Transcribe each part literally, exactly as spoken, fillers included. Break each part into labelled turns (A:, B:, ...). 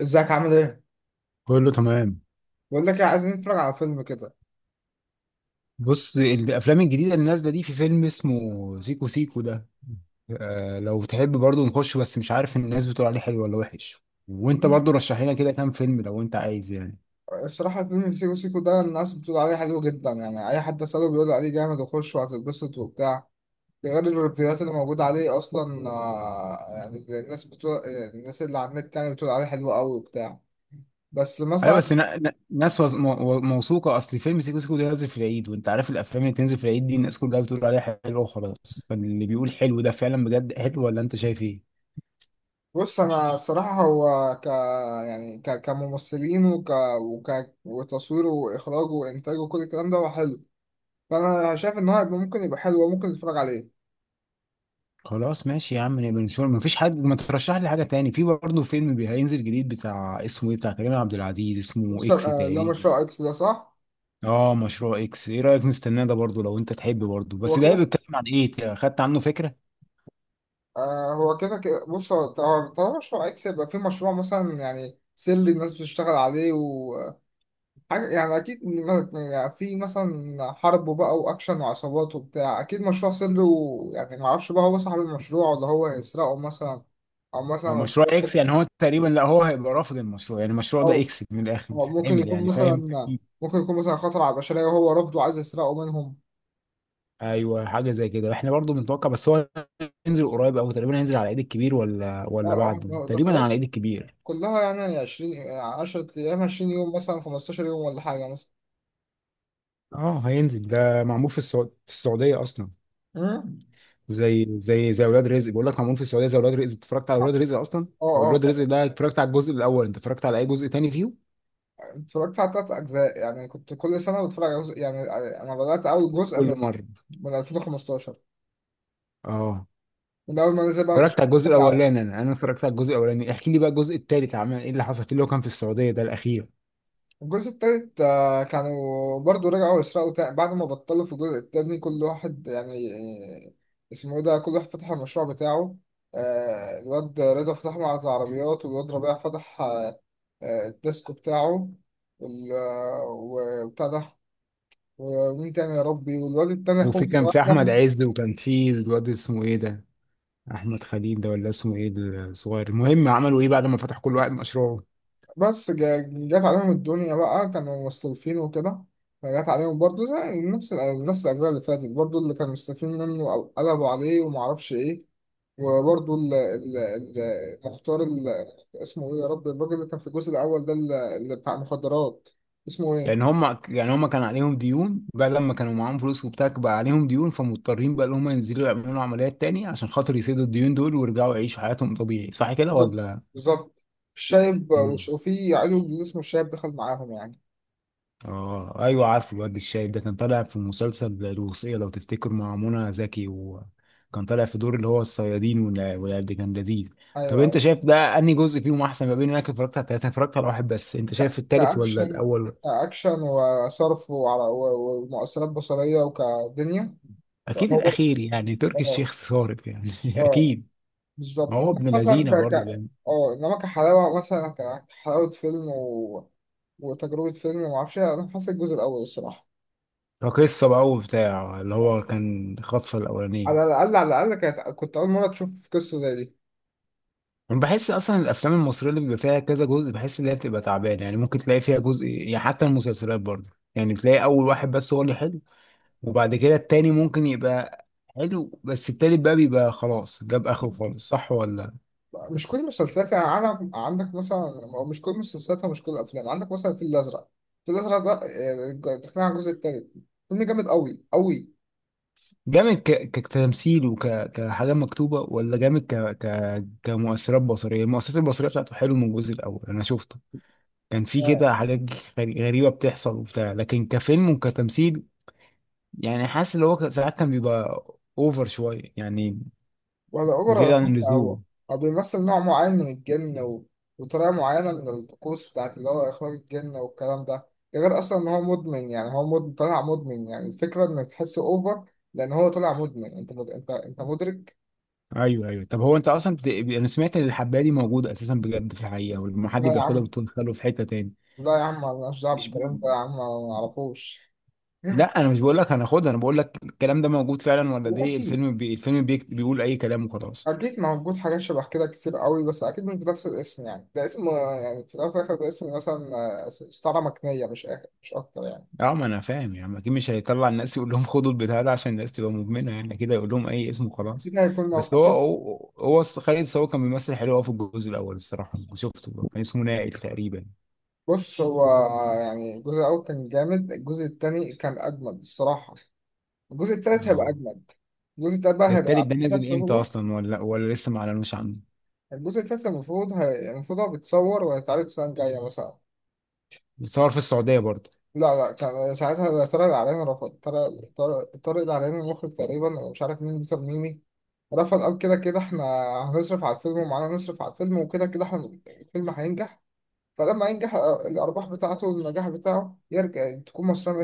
A: ازيك عامل ايه؟
B: كله تمام.
A: بقول لك ايه، عايزين نتفرج على فيلم كده.
B: بص، الافلام الجديده اللي نازله دي في فيلم اسمه سيكو سيكو ده. آه لو تحب برضو نخش، بس مش عارف الناس بتقول عليه حلو ولا وحش، وانت برضو رشح لنا كده كام فيلم لو انت عايز يعني.
A: الصراحة فيلم سيكو سيكو ده الناس بتقول عليه حلو جدا، يعني أي حد أسأله بيقول عليه جامد وخش وهتتبسط وبتاع. ده غير الريفيوهات اللي موجودة عليه أصلا. آه، يعني الناس بتقول. الناس اللي على النت يعني بتقول عليه حلو أوي وبتاع. بس
B: ايوه
A: مثلا.
B: بس نا- نا- ناس وز- مو- موثوقه. اصل فيلم سيكو سيكو ده نازل في العيد، وانت عارف الافلام اللي تنزل في العيد دي الناس كلها بتقول عليها حلوه وخلاص، فاللي بيقول حلو ده فعلا بجد حلو، ولا انت شايف ايه؟
A: بص أنا الصراحة هو ك يعني ك... كممثلين وك... وك... وتصويره وإخراجه وإنتاجه وكل الكلام ده هو حلو. فأنا شايف إن هو هيبقى، ممكن يبقى حلو وممكن نتفرج عليه.
B: خلاص ماشي يا عم، نبقى نشوف. مفيش حد ما ترشح لي حاجه تاني؟ في برضه فيلم بي- هينزل جديد بتاع، اسمه ايه بتاع كريم عبد العزيز، اسمه
A: بص،
B: اكس
A: آه، لا،
B: تقريبا.
A: مشروع اكس ده صح.
B: اه مشروع اكس، ايه رايك نستناه ده برضه لو انت تحب برضه؟
A: هو
B: بس ده هيبقى
A: كده
B: بيتكلم عن ايه، خدت عنه فكره؟
A: آه هو كده كده بص هو طب- طالما مشروع اكس، يبقى في مشروع مثلا يعني سري الناس بتشتغل عليه وحاجة. يعني اكيد م- يعني في مثلا حرب وبقى واكشن وعصابات وبتاع، اكيد مشروع سري. ويعني ما اعرفش بقى هو صاحب المشروع ولا هو هيسرقه مثلا، او مثلا
B: هو
A: هو
B: مشروع اكس
A: خطر-
B: يعني هو تقريبا، لا هو هيبقى رافض المشروع، يعني المشروع ده
A: او
B: اكس من الاخر
A: أو
B: مش
A: ممكن
B: هيتعمل
A: يكون
B: يعني،
A: مثلا،
B: فاهم؟
A: ممكن يكون مثلا خطر على البشرية وهو رافضه عايز يسرقه منهم.
B: ايوه حاجه زي كده احنا برضه بنتوقع. بس هو هينزل قريب او تقريبا هينزل على العيد الكبير ولا
A: اه
B: ولا
A: اه
B: بعده،
A: ده ده
B: تقريبا على
A: خلاص،
B: العيد الكبير.
A: كلها يعني عشرين عشرة أيام، عشرين يوم، مثلا خمستاشر يوم ولا حاجة مثلا.
B: اه هينزل. ده معمول في السعوديه، في السعوديه اصلا،
A: مم.
B: زي زي زي اولاد رزق، بيقول لك معمول في السعوديه زي اولاد رزق. اتفرجت على
A: اه،
B: اولاد رزق اصلا؟
A: اه
B: واولاد
A: طبعا.
B: رزق ده اتفرجت على الجزء الاول، انت اتفرجت على اي جزء تاني فيه؟
A: اتفرجت على تلات أجزاء، يعني كنت كل سنة بتفرج على جزء يعني. أنا بدأت أول جزء
B: كل
A: من
B: مره.
A: من ألفين وخمسة عشر،
B: اه
A: من أول ما نزل بقى. مكانش
B: اتفرجت على الجزء الاولاني، انا انا اتفرجت على الجزء الاولاني. احكي لي بقى الجزء التالت عمل ايه، اللي حصل فيه اللي هو كان في السعوديه ده الاخير.
A: الجزء التالت، آه، كانوا برضو رجعوا يسرقوا تاني بعد ما بطلوا في الجزء التاني كل واحد يعني. آه، اسمه ايه ده، كل واحد فتح المشروع بتاعه. آه، الواد رضا فتح معرض عربيات، والواد ربيع فتح، آه، آه، الديسكو بتاعه. وال- آه، وبتاع ده، ومين تاني يا ربي، والواد التاني اخوه
B: وفي كان في احمد
A: صغير.
B: عز، وكان في الواد اسمه ايه ده، احمد خليل ده ولا اسمه ايه، الصغير. المهم عملوا ايه بعد ما فتحوا كل واحد مشروعه؟
A: بس جا- جات عليهم الدنيا بقى، كانوا مستلفين وكده. فجات عليهم برضه زي نفس ال- نفس الأجزاء اللي فاتت برضه، اللي كانوا مستلفين منه أو قلبوا عليه ومعرفش إيه. وبرضه ال- ال- ال- المختار، ال- اسمه ايه يا رب، الراجل اللي كان في الجزء الاول ده، ال- اللي بتاع المخدرات، اسمه ايه؟
B: لان هم يعني هم كان عليهم ديون بقى، لما كانوا معاهم فلوس وبتاع بقى عليهم ديون، فمضطرين بقى ان هم ينزلوا يعملوا عمليات تاني عشان خاطر يسدوا الديون دول ويرجعوا يعيشوا حياتهم طبيعي، صح كده
A: بالظبط.
B: ولا؟
A: بالظبط. الشايب، وش-
B: مم.
A: وفي عيل اللي اسمه الشايب دخل معاهم يعني.
B: اه ايوه عارف. الواد الشايب ده كان طالع في مسلسل الوصية لو تفتكر مع منى زكي، وكان طالع في دور اللي هو الصيادين ولا، ولا ده كان لذيذ. طب
A: ايوه،
B: انت
A: ايوه.
B: شايف ده انهي جزء فيهم احسن، ما بين انك اتفرجت على ثلاثة اتفرجت على واحد بس، انت
A: ك-
B: شايف التالت ولا
A: كأكشن،
B: الاول؟
A: كأكشن وصرف وعلى و- ومؤثرات بصرية وكدنيا.
B: اكيد
A: هو
B: الاخير يعني، تركي
A: اه،
B: الشيخ صارف يعني
A: اه
B: اكيد. ما
A: بالظبط.
B: هو
A: انما
B: ابن
A: مثلا
B: لذينه
A: ك ك
B: برضه، بين.
A: اه انما كحلاوة مثلا، ك- كحلاوة فيلم و... وتجربة فيلم ومعرفش إيه، انا حاسس الجزء الاول الصراحة
B: قصه بقى وبتاع، اللي هو كان خطفه الاولانيه.
A: على الأقل، على الأقل كانت كنت أول مرة تشوف قصة زي دي.
B: انا بحس اصلا الافلام المصريه اللي بيبقى فيها كذا جزء بحس ان هي بتبقى تعبانه، يعني ممكن تلاقي فيها جزء يعني. حتى المسلسلات برضه، يعني بتلاقي اول واحد بس هو اللي حلو، وبعد كده التاني ممكن يبقى حلو، بس التالت بقى بيبقى خلاص جاب اخره خالص، صح ولا؟
A: مش كل المسلسلات يعني، عندك عندك مثلا، أو مش كل المسلسلات ومش كل الأفلام. عندك مثلا الفيل الأزرق، الفيل الأزرق ده، آه، دخلنا على الجزء التالت، فيلم جامد أوي أوي.
B: جامد ك... كتمثيل وكحاجه مكتوبه، ولا جامد ك... ك... كمؤثرات بصريه؟ المؤثرات البصريه بتاعته حلو. من الجزء الاول انا شفته كان في
A: آه،
B: كده حاجات غري- غريبة بتحصل وبتاع، لكن كفيلم وكتمثيل يعني حاسس اللي هو ك- ساعات كان بيبقى اوفر شوية يعني،
A: ولا أوبر ولا
B: زيادة عن
A: حتى هو،
B: اللزوم.
A: هو بيمثل نوع معين من الجن و... وطريقة معينة من الطقوس بتاعت اللي هو إخراج الجن والكلام ده. ده غير أصلا إن هو مدمن، يعني هو مد... طالع مدمن، يعني الفكرة إنك تحس أوفر. لأن هو طالع مدمن، أنت مد... أنت أنت مدرك.
B: ايوه ايوه. طب هو انت اصلا بت... انا سمعت ان الحباية دي موجودة اساسا بجد في الحقيقة، ولما حد
A: لا يا
B: بياخدها
A: عم،
B: بتقول خلوه في حتة تاني؟
A: لا يا عم، أنا مالناش دعوة
B: مش ب...
A: بالكلام ده يا عم، أنا ما أعرفوش.
B: لا انا مش بقول لك هناخدها، انا بقول لك الكلام ده موجود فعلا ولا دي
A: أكيد،
B: الفيلم بي... الفيلم بي... بيقول اي كلام وخلاص؟
A: أكيد موجود حاجات شبه كده كتير قوي، بس أكيد مش بنفس الاسم يعني، ده اسم، آه، يعني في الأول وفي الآخر ده اسم مثلا، آه، استعارة مكنية مش آخر، مش أكتر يعني.
B: اه ما انا فاهم، يعني اكيد مش هيطلع الناس يقول لهم خدوا البتاع ده عشان الناس تبقى مدمنه، يعني كده يقول لهم اي اسم
A: أكيد
B: وخلاص.
A: هيكون مو...
B: بس هو
A: أكيد.
B: هو, هو الص- خالد صاوي كان بيمثل حلو أوي في الجزء الاول، الصراحه أنا شفته ده. كان اسمه نائل تقريبا.
A: بص هو، يعني الجزء الأول كان جامد، الجزء التاني كان أجمد الصراحة، الجزء التالت هيبقى
B: اه.
A: أجمد. الجزء التالت بقى
B: ده
A: هيبقى
B: التالت
A: على
B: ده
A: فكرة
B: نازل امتى
A: بسببه.
B: اصلا ولا ولا لسه ما اعلنوش عنه؟
A: الجزء التالت المفروض هي... المفروض هو بيتصور وهيتعرض السنة الجاية مثلا.
B: بيتصور في السعوديه برضه؟
A: لا لا، كان ساعتها طارق العراني رفض. طارق طارق طارق العراني المخرج تقريبا، أنا مش عارف مين بيتر ميمي. رفض، قال كده كده احنا هنصرف على الفيلم، ومعانا نصرف على الفيلم، وكده كده احنا الفيلم هينجح. فلما ينجح، آه، الأرباح بتاعته والنجاح بتاعه يرجع تكون مصرية.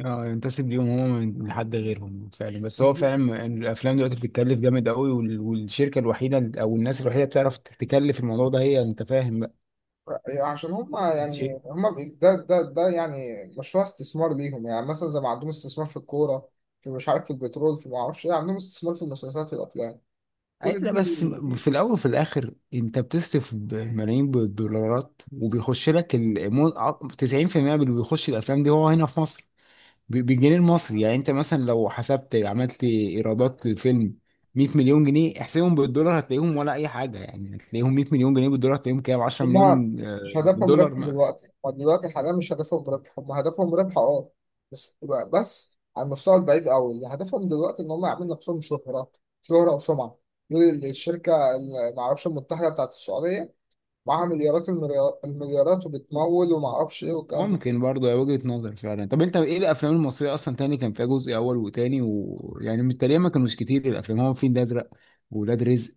B: اه ينتسب ليهم هما من لحد غيرهم فعلا، بس هو
A: مية بالمية.
B: فعلا الافلام دلوقتي بتتكلف جامد قوي، وال- والشركه الوحيده او الناس الوحيده بتعرف تكلف الموضوع ده هي، انت فاهم؟
A: عشان هم
B: بقى
A: يعني هم بي- ده ده ده يعني مشروع استثمار ليهم، يعني مثلا زي ما عندهم استثمار في الكورة، في مش عارف، في البترول، في ما اعرفش ايه، عندهم استثمار في المسلسلات في الأفلام
B: أي-
A: كل
B: لا بس م-
A: دي.
B: في الاول وفي الاخر انت بتصرف ب- ملايين بالدولارات، وبيخش لك ال- مو- ع- تسعين في المئة من اللي بيخش الافلام دي هو هنا في مصر ب- بالجنيه المصري. يعني انت مثلا لو حسبت عملت ايرادات للفيلم مية مليون جنيه، احسبهم بالدولار هتلاقيهم ولا اي حاجه، يعني هتلاقيهم مية مليون جنيه بالدولار هتلاقيهم كام، عشرة
A: هما
B: مليون آه،
A: مش هدفهم
B: دولار
A: ربح
B: ما.
A: دلوقتي، هما دلوقتي حاليا مش هدفهم ربح، هما هدفهم ربح اه، بس، بس على المستوى البعيد قوي. اللي هدفهم دلوقتي ان هم يعملوا نفسهم شهرة، شهرة وسمعة. دول الشركة اللي معرفش المتحدة بتاعت السعودية، معاها مليارات، المريا- المليارات، وبتمول ومعرفش ايه والكلام ده.
B: ممكن برضه هي وجهة نظر فعلا. طب انت ايه الافلام المصريه اصلا تاني كان فيها جزء اول وتاني؟ ويعني تقريبا ما كانوش كتير الافلام. هو فين ده ازرق، ولاد رزق،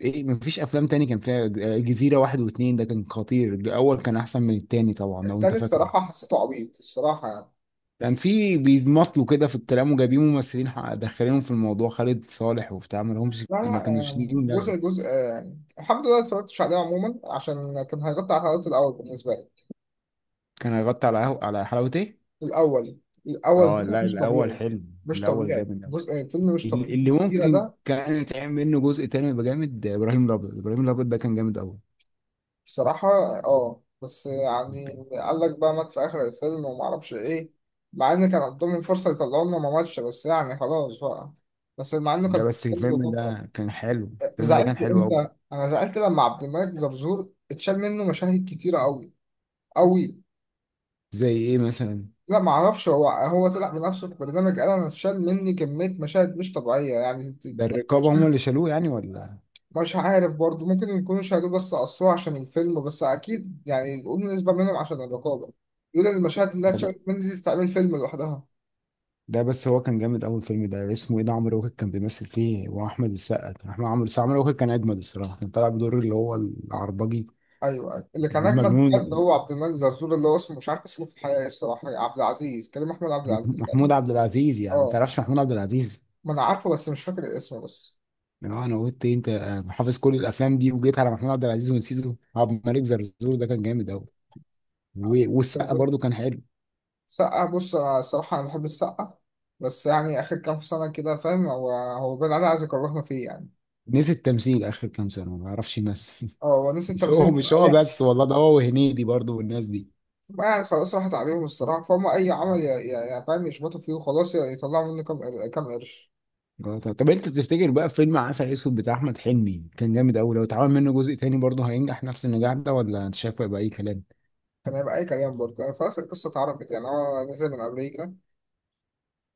B: ايه مفيش افلام تاني كان فيها؟ جزيرة واحد واتنين ده كان خطير، الاول كان احسن من التاني طبعا لو انت
A: التاني
B: فاكره.
A: الصراحة حسيته عبيط الصراحة يعني.
B: كان في بيمطلوا كده في الكلام وجايبين ممثلين ح- داخلينهم في الموضوع، خالد صالح وبتاع ما لهمش،
A: لا
B: ما
A: لا،
B: كانوش
A: يعني
B: ليهم لازم.
A: جزء جزء يعني الحمد لله اتفرجتش عليه عموما، عشان كان هيغطي على الحلقات الأول بالنسبة لي.
B: كان هيغطي على قهو- على حلاوة ايه؟
A: الأول، الأول
B: اه
A: ده
B: لا
A: مش
B: الاول
A: طبيعي،
B: حلو،
A: مش
B: الاول
A: طبيعي.
B: جامد أوي.
A: جزء الفيلم مش طبيعي
B: ال- اللي
A: الجزيرة
B: ممكن
A: ده.
B: كان يتعمل منه جزء تاني يبقى جامد، ابراهيم الابيض. ابراهيم الابيض ده كان جامد قوي.
A: بصراحة اه، بس يعني قال لك بقى مات في آخر الفيلم وما أعرفش إيه، مع إن كان عندهم فرصة يطلعوا لنا ما ماتش، بس يعني خلاص بقى. بس مع إنه
B: لا
A: كان
B: بس
A: فيلم
B: الفيلم
A: طفرة.
B: ده كان حلو، الفيلم ده
A: زعلت
B: كان حلو قوي.
A: إمتى؟ أنا زعلت لما عبد الملك زرزور اتشال منه مشاهد كتيرة أوي أوي.
B: زي ايه مثلا؟
A: لا ما اعرفش، هو هو طلع بنفسه في برنامج قال انا اتشال مني كمية مشاهد مش طبيعية يعني.
B: ده الرقابة هم اللي شالوه يعني ولا؟
A: مش عارف برضو، ممكن يكونوا شالوه بس قصوه عشان الفيلم، بس أكيد يعني يقولوا نسبة منهم عشان الرقابة. يقولوا إن المشاهد اللي
B: ده, ب...
A: اتشالت مني دي تعمل فيلم لوحدها.
B: ده بس هو كان جامد. اول فيلم ده اسمه ايه ده، عمرو واكد كان بيمثل فيه واحمد السقا، كان احمد، عمرو السقا. عمرو واكد كان اجمد الصراحه، كان طالع بدور اللي هو العربجي
A: أيوه أيوه، اللي كان أجمد بجد
B: المجنون.
A: هو عبد الملك زرزور، اللي هو اسمه مش عارف اسمه في الحقيقة إيه الصراحة، عبد العزيز، كريم، أحمد عبد العزيز
B: محمود
A: تقريبا.
B: عبد العزيز، يعني ما
A: أه،
B: تعرفش محمود عبد العزيز؟
A: ما أنا عارفه بس مش فاكر اسمه بس.
B: اللي هو انا قلت إيه، انت حافظ كل الافلام دي وجيت على محمود عبد العزيز ونسيته. عبد الملك زرزور ده كان جامد قوي،
A: عبد
B: و...
A: الملك
B: والسقا
A: زرزور.
B: برضو كان حلو.
A: سقا، بص أنا الصراحة أنا بحب السقا، بس يعني آخر كام سنة كده فاهم، هو هو بين عليه عايز يكرهنا فيه يعني.
B: نسي التمثيل، اخر كام سنه ما بيعرفش يمثل
A: اه، هو نسي
B: مش هو
A: التمثيل.
B: مش هو بس والله، ده هو وهنيدي برضو والناس دي.
A: بقى خلاص راحت عليهم الصراحة، فهم أي عمل يا يا يا فاهم يشبطوا فيه وخلاص، ي- يطلعوا منه كام قر- كام قرش.
B: آه، طب طب انت تفتكر بقى فيلم عسل اسود بتاع احمد حلمي كان جامد قوي، لو اتعمل منه جزء تاني برضه هينجح نفس النجاح ده ولا انت شايف بقى اي كلام؟
A: كان هيبقى أي كلام برضه يعني، خلاص القصة اتعرفت يعني. هو نزل من أمريكا،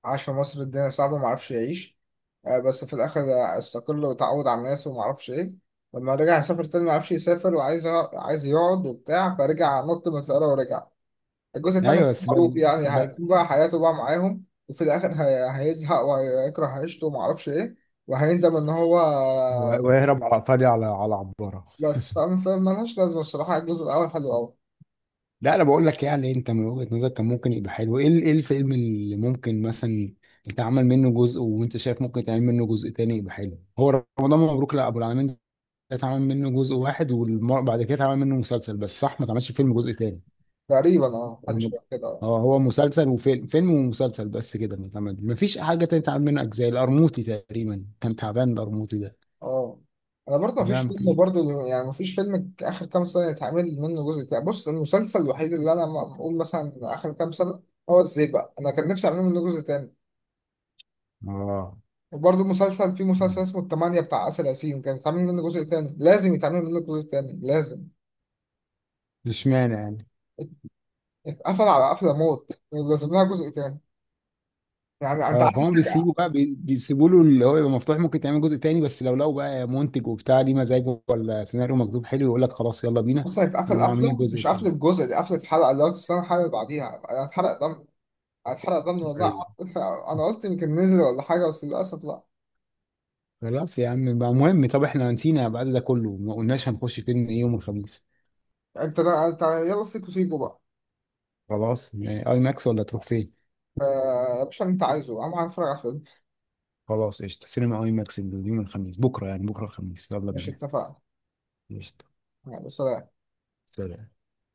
A: عاش في مصر الدنيا صعبة معرفش يعيش، آه، بس في الآخر استقل وتعود على الناس ومعرفش إيه. لما رجع يسافر تاني معرفش يسافر وعايز يق- عايز يقعد وبتاع، فرجع نط من الطيارة ورجع. الجزء التاني
B: ايوه بس بقى,
A: معروف يعني،
B: بقى
A: هيكون بقى حياته بقى معاهم، وفي الآخر هي- هيزهق وهيكره عيشته ومعرفش إيه، وهيندم إن هو.
B: ويهرب على ايطاليا على على عباره.
A: بس فاهم، فاهم ملهاش لازمة الصراحة، الجزء الأول حلو أوي.
B: لا انا بقول لك يعني انت من وجهة نظرك كان ممكن يبقى حلو، ايه ال- ايه الفيلم اللي ممكن مثلا يتعمل منه جزء وانت شايف ممكن يتعمل منه جزء تاني يبقى حلو؟ هو رمضان مبروك، لا ابو العالمين ده اتعمل منه جزء واحد وبعد كده اتعمل منه مسلسل بس، صح؟ ما اتعملش فيلم جزء تاني.
A: تقريبا اه، حاجة
B: الم-
A: شبه كده اه.
B: اه هو مسلسل وفيلم، فيلم ومسلسل بس كده. متعمل مفيش حاجة تانية اتعمل منها أجزاء. القرموطي تقريبا كان تعبان، القرموطي ده
A: آه. أنا برضه مفيش فيلم،
B: يمكن.
A: برضه يعني مفيش فيلم آخر كام سنة يتعمل منه جزء تاني. بص المسلسل الوحيد اللي أنا م- بقول مثلا آخر كام سنة هو الزيبق، أنا كان نفسي أعمل منه جزء تاني.
B: اه.
A: وبرضه مسلسل، في مسلسل اسمه التمانية بتاع آسر ياسين، كان يتعمل منه جزء تاني، لازم يتعمل منه جزء تاني لازم.
B: مش مانع يعني.
A: اتقفل على قفلة موت، لازم لها جزء تاني، يعني أنت
B: اه
A: عارف.
B: فهم، بيسيبوا بقى بي- بيسيبوا له اللي هو يبقى مفتوح ممكن تعمل جزء تاني، بس لو لقوا بقى منتج وبتاع ليه مزاجه ولا سيناريو مكتوب حلو يقول لك خلاص يلا بينا،
A: اصلا اتقفل
B: قاموا عاملين
A: قفله،
B: الجزء
A: مش قفله
B: التاني.
A: الجزء دي، قفله الحلقه اللي هو تستنى الحلقه اللي بعديها، انا اتحرق دم. اتحرق دم والله.
B: ايوه.
A: انا قلت يمكن نزل ولا حاجه، بس للاسف لا.
B: خلاص يا عم بقى. مهم، طب احنا نسينا بعد ده كله ما قلناش هنخش فيلم ايه يوم الخميس.
A: انت ده، انت يلا سيكو سيكو بقى.
B: خلاص، يعني اي ماكس ولا تروح فين؟
A: آه، يا باشا، اللي انت عايزه، انا هتفرج على الفيلم.
B: خلاص قشطة، سينما اي ماكس. اليوم الخميس، بكرة يعني، بكرة الخميس يلا
A: ماشي
B: بينا.
A: اتفقنا.
B: قشطة.
A: يلا سلام.
B: سلام.